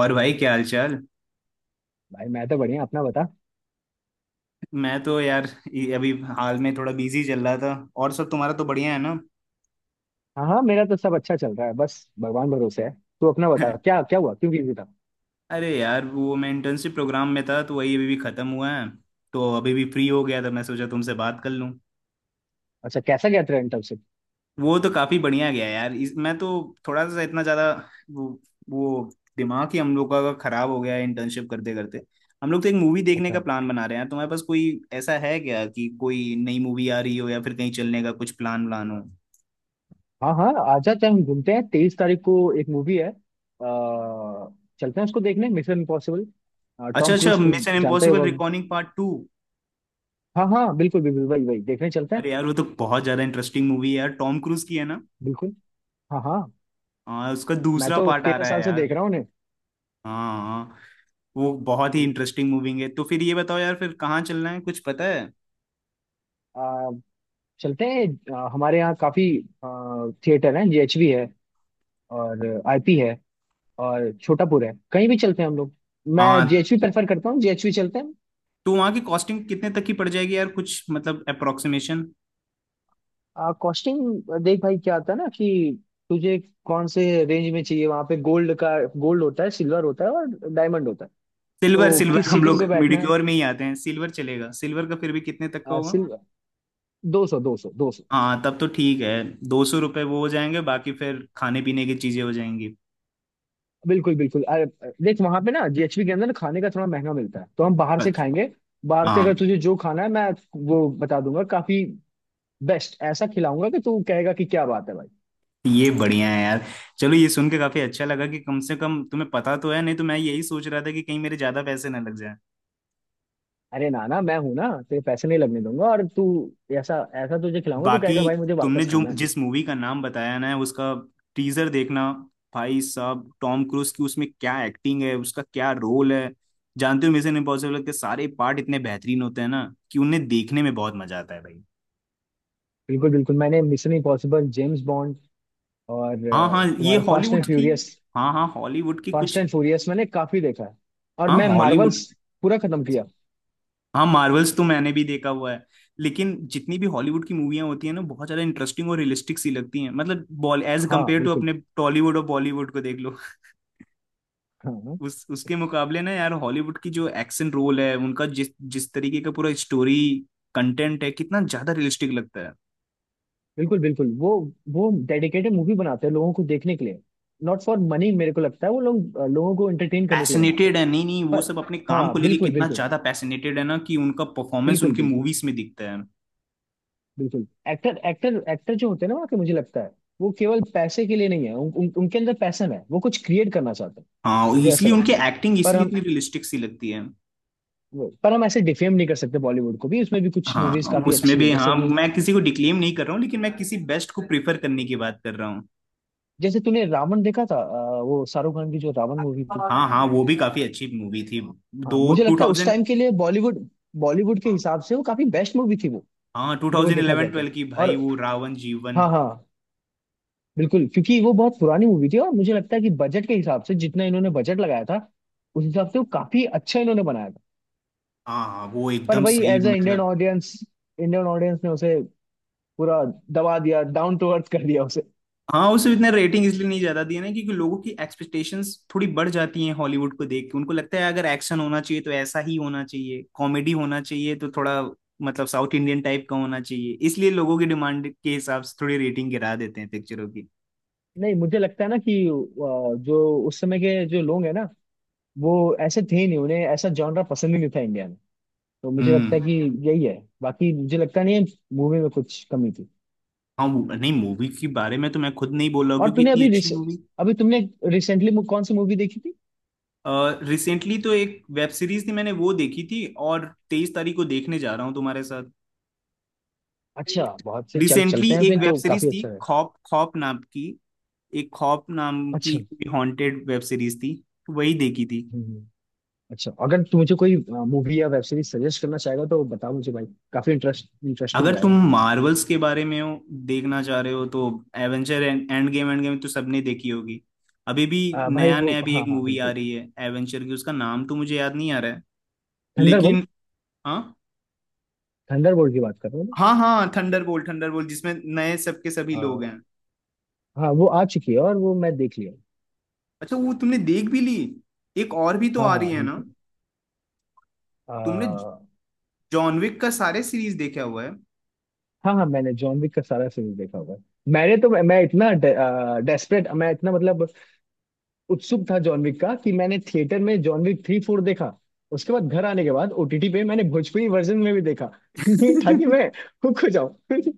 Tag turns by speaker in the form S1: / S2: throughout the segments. S1: और भाई, क्या हाल चाल।
S2: भाई मैं तो बढ़िया अपना बता।
S1: मैं तो यार ये अभी हाल में थोड़ा बिजी चल रहा था, और सब। तुम्हारा तो बढ़िया है ना।
S2: हाँ हाँ, मेरा तो सब अच्छा चल रहा है, बस भगवान भरोसे है। तू अपना बता, क्या क्या हुआ, क्यों बिजी था?
S1: अरे यार, वो मैं इंटर्नशिप प्रोग्राम में था तो वही अभी भी खत्म हुआ है। तो अभी भी फ्री हो गया था, मैं सोचा तुमसे बात कर लूं।
S2: अच्छा, कैसा गया ट्रेंड तब से?
S1: वो तो काफी बढ़िया गया यार। मैं तो थोड़ा सा इतना ज्यादा वो वो दिमाग ही हम लोग का खराब हो गया है, इंटर्नशिप करते करते। हम लोग तो एक मूवी देखने का
S2: अच्छा।
S1: प्लान बना रहे हैं। तुम्हारे पास कोई ऐसा है क्या कि कोई नई मूवी आ रही हो, या फिर कहीं चलने का कुछ प्लान व्लान हो?
S2: हाँ हाँ, आ जाते हैं, हम घूमते हैं 23 तारीख को। एक मूवी है चलते हैं उसको देखने, मिशन इम्पॉसिबल।
S1: अच्छा
S2: टॉम
S1: अच्छा,
S2: क्रूज तो
S1: मिशन
S2: जानता ही
S1: इम्पॉसिबल
S2: होगा।
S1: Recording part 2।
S2: हाँ हाँ, बिल्कुल बिल्कुल, वही वही देखने चलते हैं।
S1: अरे यार वो तो बहुत ज्यादा इंटरेस्टिंग मूवी है यार, टॉम क्रूज की है ना।
S2: बिल्कुल। हाँ हाँ,
S1: हाँ, उसका
S2: मैं
S1: दूसरा
S2: तो
S1: पार्ट आ
S2: 13
S1: रहा है
S2: साल से
S1: यार।
S2: देख रहा हूँ उन्हें।
S1: हाँ हाँ। वो बहुत ही इंटरेस्टिंग मूवी है। तो फिर ये बताओ यार, फिर कहाँ चलना है, कुछ पता है?
S2: आ, चलते हैं। हमारे यहाँ काफी थिएटर हैं, जीएचवी है और आईपी है और छोटापुर है, कहीं भी चलते हैं हम लोग।
S1: हाँ,
S2: मैं जेएचवी प्रेफर करता हूँ, जेएचवी चलते हैं।
S1: तो वहाँ की कॉस्टिंग कितने तक की पड़ जाएगी यार, कुछ मतलब अप्रोक्सीमेशन?
S2: कॉस्टिंग देख भाई, क्या आता है ना कि तुझे कौन से रेंज में चाहिए। वहां पे गोल्ड का गोल्ड होता है, सिल्वर होता है और डायमंड होता है।
S1: सिल्वर
S2: तो
S1: सिल्वर,
S2: किस
S1: हम
S2: सीटिंग
S1: लोग
S2: पे बैठना
S1: मिडिक्योर में ही आते हैं। सिल्वर चलेगा। सिल्वर का फिर भी कितने तक का
S2: है,
S1: होगा?
S2: सिल्वर? 200 200 200।
S1: हाँ, तब तो ठीक है। 200 रुपये वो हो जाएंगे, बाकी फिर खाने पीने की चीजें हो जाएंगी।
S2: बिल्कुल बिल्कुल। अरे, देख वहां पे ना जेएचवी के अंदर ना खाने का थोड़ा महंगा मिलता है, तो हम बाहर से
S1: अच्छा।
S2: खाएंगे। बाहर से अगर
S1: हाँ।
S2: तुझे जो खाना है, मैं वो बता दूंगा। काफी बेस्ट ऐसा खिलाऊंगा कि तू कहेगा कि क्या बात है भाई।
S1: ये बढ़िया है यार। चलो, ये सुन के काफी अच्छा लगा कि कम से कम तुम्हें पता तो है, नहीं तो मैं यही सोच रहा था कि कहीं मेरे ज्यादा पैसे ना लग जाए।
S2: अरे नाना, मैं हूं ना, तेरे पैसे नहीं लगने दूंगा। और तू ऐसा ऐसा तुझे खिलाऊंगा, तू
S1: बाकी,
S2: कहेगा भाई मुझे
S1: तुमने
S2: वापस
S1: जो
S2: खाना है।
S1: जिस मूवी का नाम बताया ना, उसका टीजर देखना भाई साहब। टॉम क्रूज की, उसमें क्या एक्टिंग है, उसका क्या रोल है। जानते हो, मिशन इम्पॉसिबल के सारे पार्ट इतने बेहतरीन होते हैं ना, कि उन्हें देखने में बहुत मजा आता है भाई।
S2: बिल्कुल बिल्कुल। मैंने मिशन इम्पॉसिबल, जेम्स बॉन्ड और
S1: हाँ हाँ, ये
S2: तुम्हारा फास्ट एंड
S1: हॉलीवुड की।
S2: फ्यूरियस,
S1: हाँ हाँ हॉलीवुड की
S2: फास्ट
S1: कुछ।
S2: एंड फ्यूरियस मैंने काफी देखा है। और
S1: हाँ
S2: मैं
S1: हॉलीवुड।
S2: मार्वल्स पूरा खत्म किया।
S1: हाँ, मार्वल्स तो मैंने भी देखा हुआ है। लेकिन जितनी भी हॉलीवुड की मूवियाँ होती हैं ना, बहुत ज्यादा इंटरेस्टिंग और रियलिस्टिक सी लगती हैं, मतलब बॉल एज
S2: हाँ
S1: कम्पेयर टू
S2: बिल्कुल।
S1: अपने टॉलीवुड और बॉलीवुड को देख लो।
S2: हाँ हाँ,
S1: उस उसके मुकाबले ना यार, हॉलीवुड की जो एक्शन रोल है उनका, जिस जिस तरीके का पूरा स्टोरी कंटेंट है, कितना ज्यादा रियलिस्टिक लगता है।
S2: बिल्कुल बिल्कुल। वो डेडिकेटेड मूवी बनाते हैं लोगों को देखने के लिए, नॉट फॉर मनी। मेरे को लगता है वो लोग लोगों को एंटरटेन करने के लिए बनाते हैं।
S1: पैशनेटेड है। नहीं नहीं, वो
S2: पर
S1: सब अपने काम को
S2: हाँ,
S1: लेके
S2: बिल्कुल
S1: कितना
S2: बिल्कुल,
S1: ज्यादा पैशनेटेड है ना, कि उनका परफॉर्मेंस
S2: बिल्कुल
S1: उनकी
S2: बिल्कुल,
S1: मूवीज में दिखता है।
S2: बिल्कुल। एक्टर एक्टर एक्टर जो होते हैं ना वहाँ के, मुझे लगता है वो केवल पैसे के लिए नहीं है। उन, उन, उनके अंदर पैशन है, वो कुछ क्रिएट करना चाहते हैं,
S1: हाँ,
S2: मुझे ऐसा
S1: इसलिए उनकी
S2: लगता है।
S1: एक्टिंग
S2: पर
S1: इसलिए
S2: हम
S1: इतनी रियलिस्टिक सी लगती है।
S2: पर हम ऐसे डिफेम नहीं कर सकते बॉलीवुड को भी, उसमें भी कुछ मूवीज
S1: हाँ,
S2: काफी
S1: उसमें
S2: अच्छी है।
S1: भी।
S2: जैसे
S1: हाँ,
S2: कि
S1: मैं किसी को डिक्लेम नहीं कर रहा हूँ, लेकिन मैं किसी बेस्ट को प्रिफर करने की बात कर रहा हूँ।
S2: जैसे तूने रावण देखा था, वो शाहरुख खान की जो रावण मूवी थी।
S1: हाँ हाँ, वो भी काफी अच्छी मूवी थी।
S2: हाँ
S1: दो
S2: मुझे
S1: टू
S2: लगता है उस
S1: थाउजेंड
S2: टाइम के लिए बॉलीवुड, बॉलीवुड के हिसाब से वो काफी बेस्ट मूवी थी वो,
S1: हाँ, टू
S2: मेरे को
S1: थाउजेंड
S2: देखा
S1: इलेवन
S2: जाए तो।
S1: ट्वेल्व की भाई,
S2: और
S1: वो रावण जीवन।
S2: हाँ हाँ, बिल्कुल, क्योंकि वो बहुत पुरानी मूवी थी और मुझे लगता है कि बजट के हिसाब से जितना इन्होंने बजट लगाया था, उस हिसाब से वो काफी अच्छा इन्होंने बनाया था।
S1: हाँ हाँ, वो
S2: पर
S1: एकदम
S2: वही,
S1: सही
S2: एज अ इंडियन
S1: मतलब।
S2: ऑडियंस, इंडियन ऑडियंस ने उसे पूरा दबा दिया, डाउन टू अर्थ कर दिया उसे।
S1: हाँ, उसे इतना रेटिंग इसलिए नहीं ज्यादा दिया ना, क्योंकि लोगों की एक्सपेक्टेशंस थोड़ी बढ़ जाती हैं। हॉलीवुड को देख के उनको लगता है, अगर एक्शन होना चाहिए तो ऐसा ही होना चाहिए, कॉमेडी होना चाहिए तो थोड़ा मतलब साउथ इंडियन टाइप का होना चाहिए। इसलिए लोगों की डिमांड के हिसाब से थोड़ी रेटिंग गिरा देते हैं पिक्चरों की।
S2: नहीं, मुझे लगता है ना कि जो उस समय के जो लोग हैं ना, वो ऐसे थे नहीं, उन्हें ऐसा जॉनरा पसंद ही नहीं था इंडिया में। तो मुझे
S1: हम्म।
S2: लगता है कि यही है, बाकी मुझे लगता नहीं है मूवी में कुछ कमी थी।
S1: हाँ, नहीं, मूवी के बारे में तो मैं खुद नहीं बोल रहा हूँ,
S2: और
S1: क्योंकि इतनी अच्छी मूवी।
S2: अभी तुमने रिसेंटली कौन सी मूवी देखी थी?
S1: रिसेंटली तो एक वेब सीरीज थी, मैंने वो देखी थी। और 23 तारीख को देखने जा रहा हूँ तुम्हारे साथ।
S2: अच्छा बहुत सही, चल
S1: रिसेंटली
S2: चलते हैं
S1: एक
S2: फिर,
S1: वेब
S2: तो
S1: सीरीज
S2: काफी
S1: थी
S2: अच्छा है।
S1: खौफ, खौफ नाम की, एक खौफ नाम की
S2: अच्छा।
S1: हॉन्टेड वेब सीरीज थी। वही देखी थी।
S2: हम्म, हम्म, अच्छा, अगर तू मुझे कोई मूवी या वेब सीरीज सजेस्ट करना चाहेगा तो बता मुझे भाई, काफी इंटरेस्टिंग
S1: अगर तुम
S2: रहेगा।
S1: मार्वल्स के बारे में हो, देखना चाह रहे हो तो Avenger end endgame, endgame तो सबने देखी होगी। अभी भी।
S2: भाई
S1: नया
S2: वो
S1: नया भी
S2: हाँ
S1: एक
S2: हाँ,
S1: मूवी आ
S2: बिल्कुल।
S1: रही है एवेंजर की, उसका नाम तो मुझे याद नहीं आ रहा है
S2: थंडरबोल्ट,
S1: लेकिन। हाँ
S2: थंडरबोल्ट की बात कर रहे हो ना?
S1: हाँ हाँ, थंडरबोल्ट। थंडरबोल्ट जिसमें नए सबके सभी
S2: आ,
S1: लोग हैं।
S2: हाँ, वो आ चुकी है और वो मैं देख लिया।
S1: अच्छा, वो तुमने देख भी ली। एक और भी तो
S2: हाँ
S1: आ
S2: हाँ
S1: रही है ना।
S2: बिल्कुल।
S1: तुमने
S2: आ,
S1: जॉन विक का सारे सीरीज देखा हुआ है?
S2: हाँ हाँ, मैंने जॉन विक का सारा सीरीज देखा हुआ है। मैंने तो मैं इतना डेस्परेट, मैं इतना मतलब उत्सुक था जॉन विक का कि मैंने थिएटर में जॉन विक 3 4 देखा। उसके बाद घर आने के बाद ओटीटी पे मैंने भोजपुरी वर्जन में भी देखा ये था कि
S1: लेकिन
S2: मैं हुक हो जाऊं।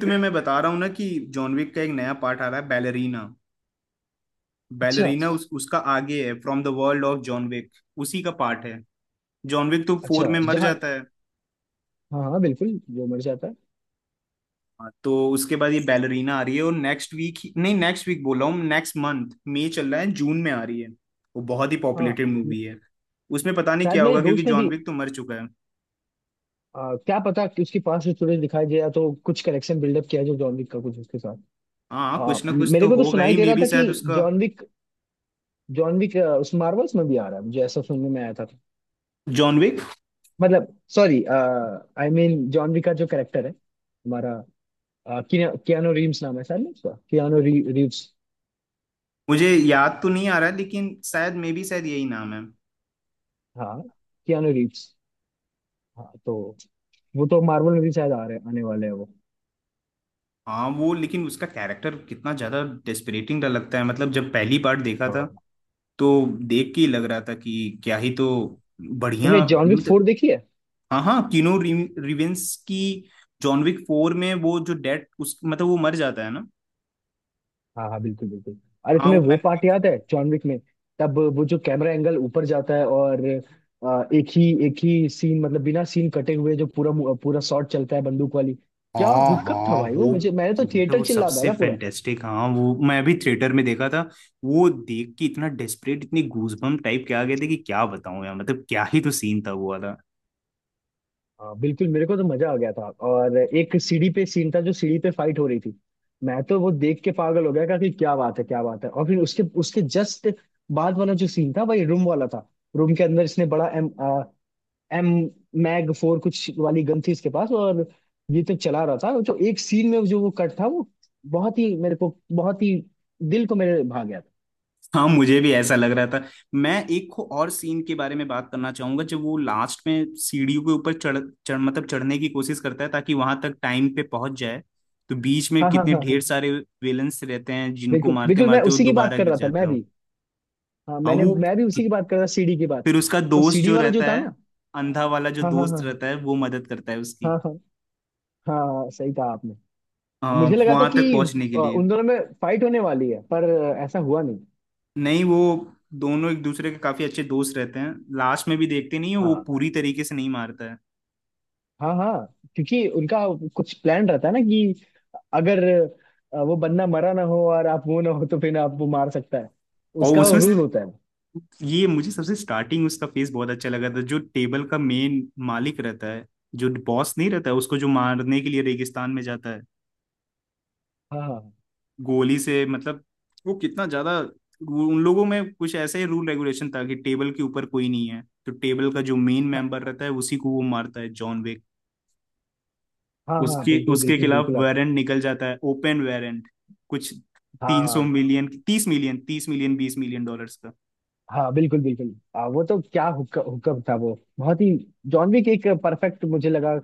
S1: तुम्हें मैं बता रहा हूँ ना कि जॉन विक का एक नया पार्ट आ रहा है, बैलरीना।
S2: अच्छा
S1: बैलरीना उस उसका आगे है, from the world of John Wick. उसी का पार्ट है। जॉन विक तो फोर
S2: अच्छा,
S1: में मर
S2: जहाँ
S1: जाता है।
S2: हाँ हाँ बिल्कुल, जो मर जाता है।
S1: हाँ, तो उसके बाद ये बैलरीना आ रही है। और नेक्स्ट वीक, नहीं, नेक्स्ट वीक बोल रहा हूँ, नेक्स्ट मंथ। मई चल रहा है, जून में आ रही है। वो बहुत ही
S2: हाँ
S1: पॉपुलेटेड मूवी है। उसमें पता नहीं
S2: शायद,
S1: क्या
S2: मेरे
S1: होगा, क्योंकि
S2: दोस्त ने
S1: जॉन
S2: भी
S1: विक तो मर चुका है।
S2: क्या पता कि उसके पास स्टोरेज दिखाई दे, या तो कुछ कनेक्शन बिल्डअप किया जो जॉन विक का कुछ उसके साथ।
S1: हाँ, कुछ ना कुछ तो
S2: मेरे को तो
S1: होगा
S2: सुनाई
S1: ही।
S2: दे
S1: मे
S2: रहा
S1: बी
S2: था कि
S1: शायद उसका।
S2: जॉन विक जॉन विक उस मार्वल्स में भी आ रहा है, मुझे ऐसा सुनने में आया था।
S1: John Wick.
S2: मतलब sorry I mean John Wick का जो कैरेक्टर है हमारा, कियानो रीव्स नाम है शायद ना उसका, रीव्स,
S1: मुझे याद तो नहीं आ रहा है लेकिन शायद, मे बी शायद, यही नाम है।
S2: हाँ कियानो रीव्स। हाँ तो वो तो मार्वल में भी शायद आ रहे, आने वाले हैं वो।
S1: हाँ वो, लेकिन उसका कैरेक्टर कितना ज्यादा डेस्परेटिंग लगता है। मतलब जब पहली बार देखा था,
S2: हाँ
S1: तो देख के ही लग रहा था कि क्या ही तो
S2: तुमने
S1: बढ़िया
S2: जॉन विक
S1: मतलब।
S2: 4 देखी है?
S1: हाँ हाँ, किनो रिवेंस की। जॉन विक फोर में वो जो डेड उस मतलब वो मर जाता है ना।
S2: हाँ हाँ बिल्कुल बिल्कुल। अरे
S1: हाँ, वो
S2: तुम्हें वो
S1: मैंने
S2: पार्ट
S1: देखी।
S2: याद है जॉन विक में, तब वो जो कैमरा एंगल ऊपर जाता है और एक ही सीन, मतलब बिना सीन कटे हुए जो पूरा पूरा शॉट चलता है बंदूक वाली। क्या
S1: हाँ
S2: हुक्कप था
S1: हाँ,
S2: भाई वो,
S1: वो
S2: मुझे मैंने तो
S1: मतलब
S2: थिएटर
S1: वो
S2: चिल्ला
S1: सबसे
S2: डाला।
S1: फैंटेस्टिक। हाँ वो मैं भी थिएटर में देखा था। वो देख के इतना डेस्परेट, इतनी गूजबम्प टाइप के आ गए थे कि क्या बताऊं यार, मतलब क्या ही तो सीन था वो।
S2: हाँ बिल्कुल, मेरे को तो मजा आ गया था। और एक सीढ़ी पे सीन था, जो सीढ़ी पे फाइट हो रही थी, मैं तो वो देख के पागल हो गया था कि क्या बात है, क्या बात है। और फिर उसके उसके जस्ट बाद वाला जो सीन था, वही रूम वाला था। रूम के अंदर इसने बड़ा एम मैग 4 कुछ वाली गन थी इसके पास, और ये तो चला रहा था। जो एक सीन में जो वो कट था, वो बहुत ही, मेरे को बहुत ही दिल को मेरे भा गया था।
S1: हाँ, मुझे भी ऐसा लग रहा था। मैं एक और सीन के बारे में बात करना चाहूंगा, जब वो लास्ट में सीढ़ियों के ऊपर चढ़ चढ़ मतलब चढ़ने की कोशिश करता है, ताकि वहां तक टाइम पे पहुंच जाए। तो बीच में
S2: हाँ हाँ
S1: कितने
S2: हाँ हाँ,
S1: ढेर सारे विलन्स रहते हैं, जिनको
S2: बिल्कुल
S1: मारते
S2: बिल्कुल, मैं
S1: मारते वो
S2: उसी की बात
S1: दोबारा
S2: कर
S1: गिर
S2: रहा था। मैं
S1: जाता है।
S2: भी, हाँ
S1: हाँ
S2: मैंने,
S1: वो,
S2: मैं भी उसी
S1: कि-
S2: की बात कर रहा था, सीढ़ी की बात।
S1: फिर उसका
S2: तो
S1: दोस्त
S2: सीढ़ी
S1: जो
S2: वाला जो
S1: रहता
S2: था
S1: है,
S2: ना,
S1: अंधा वाला जो
S2: हाँ हाँ
S1: दोस्त
S2: हाँ
S1: रहता है, वो मदद करता है उसकी।
S2: हाँ, हाँ हाँ सही कहा आपने। मुझे लगा था
S1: वहां
S2: कि
S1: तक पहुंचने के लिए।
S2: उन दोनों में फाइट होने वाली है, पर ऐसा हुआ नहीं।
S1: नहीं, वो दोनों एक दूसरे के काफी अच्छे दोस्त रहते हैं। लास्ट में भी देखते नहीं है, वो
S2: हाँ
S1: पूरी तरीके से नहीं मारता है।
S2: हाँ हाँ, क्योंकि उनका कुछ प्लान रहता है ना कि अगर वो बंदा मरा ना हो और आप वो ना हो, तो फिर आप वो मार सकता है,
S1: और
S2: उसका
S1: उसमें
S2: रूल होता है।
S1: ये, मुझे सबसे स्टार्टिंग उसका फेस बहुत अच्छा लगा था, जो टेबल का मेन मालिक रहता है। जो बॉस नहीं रहता है, उसको जो मारने के लिए रेगिस्तान में जाता है।
S2: हाँ हाँ
S1: गोली से मतलब वो कितना ज्यादा उन लोगों में कुछ ऐसा ही रूल रेगुलेशन था कि टेबल के ऊपर कोई नहीं है, तो टेबल का जो मेन
S2: हाँ
S1: मेंबर रहता है, उसी को वो मारता है जॉन विक।
S2: हाँ, हाँ,
S1: उसके
S2: बिल्कुल
S1: उसके
S2: बिल्कुल
S1: खिलाफ
S2: बिल्कुल, आप
S1: वारंट निकल जाता है, ओपन वारंट कुछ। तीन सौ
S2: हाँ
S1: million 30 million, 30 million 20 million dollar.
S2: हाँ बिल्कुल बिल्कुल। वो तो क्या हुक्का हुक्का था वो, बहुत ही। जॉन विक एक परफेक्ट मुझे लगा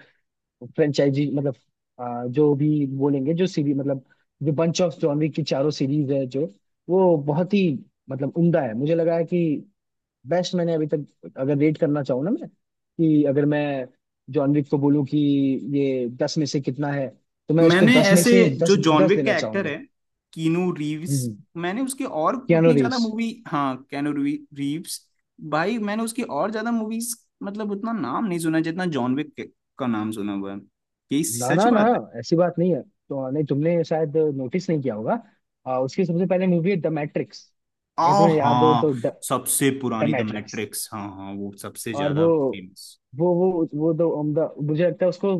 S2: फ्रेंचाइजी, मतलब जो भी बोलेंगे, जो सीरीज, मतलब जो बंच ऑफ जॉनरी की चारों सीरीज है जो, वो बहुत ही मतलब उम्दा है। मुझे लगा है कि बेस्ट मैंने अभी तक, अगर रेट करना चाहूँ ना मैं, कि अगर मैं जॉनरी को बोलूँ कि ये 10 में से कितना है, तो मैं इसको
S1: मैंने
S2: 10 में
S1: ऐसे,
S2: से
S1: जो
S2: दस
S1: जॉन
S2: दस
S1: विक
S2: देना
S1: का एक्टर
S2: चाहूंगा।
S1: है, कीनू रीव्स,
S2: हम्म।
S1: मैंने उसकी और
S2: कियानो
S1: उतनी ज्यादा
S2: रीव्स,
S1: मूवी। हाँ, कैनू रीव्स। भाई मैंने उसकी और ज्यादा मूवीज मतलब उतना नाम नहीं सुना, जितना जॉन विक का नाम सुना हुआ है। यही
S2: ना
S1: सच
S2: ना ना,
S1: बात है।
S2: ऐसी बात नहीं है तो। नहीं तुमने शायद नोटिस नहीं किया होगा, उसकी सबसे पहले मूवी है द मैट्रिक्स। अगर
S1: आ
S2: तुम्हें याद हो तो,
S1: हाँ,
S2: द
S1: सबसे पुरानी द
S2: मैट्रिक्स।
S1: मैट्रिक्स। हाँ हाँ, वो सबसे
S2: और
S1: ज्यादा
S2: वो
S1: फेमस।
S2: वो वो वो दो उम्दा, मुझे लगता है उसको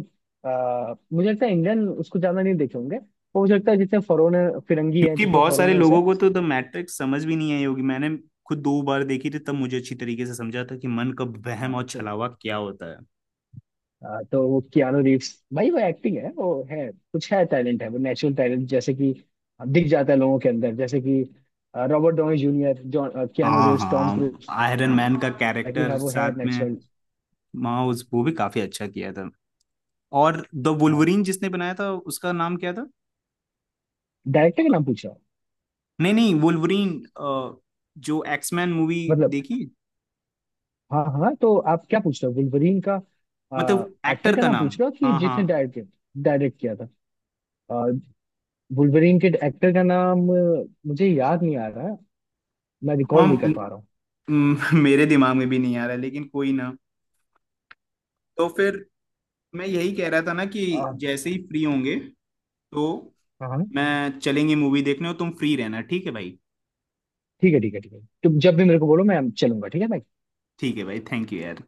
S2: मुझे लगता है इंडियन उसको ज्यादा नहीं देखे होंगे वो, मुझे लगता है जितने फॉरेनर फिरंगी हैं,
S1: क्योंकि
S2: जितने
S1: बहुत सारे
S2: फॉरेनर्स हैं।
S1: लोगों को तो द मैट्रिक्स समझ भी नहीं आई होगी। मैंने खुद 2 बार देखी थी, तब मुझे अच्छी तरीके से समझा था कि मन का
S2: हाँ,
S1: वहम और
S2: तो,
S1: छलावा क्या होता है।
S2: तो वो कियानो रीव्स भाई, वो एक्टिंग है, वो है, कुछ है, टैलेंट है वो, नेचुरल टैलेंट जैसे कि दिख जाता है लोगों के अंदर। जैसे कि Robert Downey Junior, John Keanu
S1: हाँ
S2: रीव्स, टॉम
S1: हाँ,
S2: क्रूज,
S1: आयरन मैन का
S2: ताकि हाँ
S1: कैरेक्टर
S2: वो है
S1: साथ में।
S2: नेचुरल।
S1: माँ उस, वो भी काफी अच्छा किया था। और द
S2: हाँ,
S1: वुल्वरीन जिसने बनाया था, उसका नाम क्या था?
S2: डायरेक्टर का नाम पूछा?
S1: नहीं नहीं, वुल्वरीन जो एक्समैन मूवी
S2: मतलब
S1: देखी।
S2: हाँ हाँ, तो आप क्या पूछ रहे हो, वुल्वरीन का
S1: मतलब
S2: एक्टर
S1: एक्टर
S2: का
S1: का
S2: नाम
S1: नाम।
S2: पूछ रहे हो कि
S1: हाँ
S2: जिसने
S1: हाँ
S2: डायरेक्ट डायरेक्ट किया था? आ, वुल्वरीन के एक्टर का नाम मुझे याद नहीं आ रहा है, मैं
S1: हाँ,
S2: रिकॉल नहीं कर पा रहा हूँ।
S1: मेरे दिमाग में भी नहीं आ रहा, लेकिन कोई ना। तो फिर मैं यही कह रहा था ना कि
S2: अ,
S1: जैसे ही फ्री होंगे, तो
S2: हाँ हाँ,
S1: मैं चलेंगे मूवी देखने, और तुम फ्री रहना। ठीक है भाई?
S2: ठीक है ठीक है ठीक है, तुम जब भी मेरे को बोलो मैं चलूंगा, ठीक है भाई।
S1: ठीक है भाई, थैंक यू यार।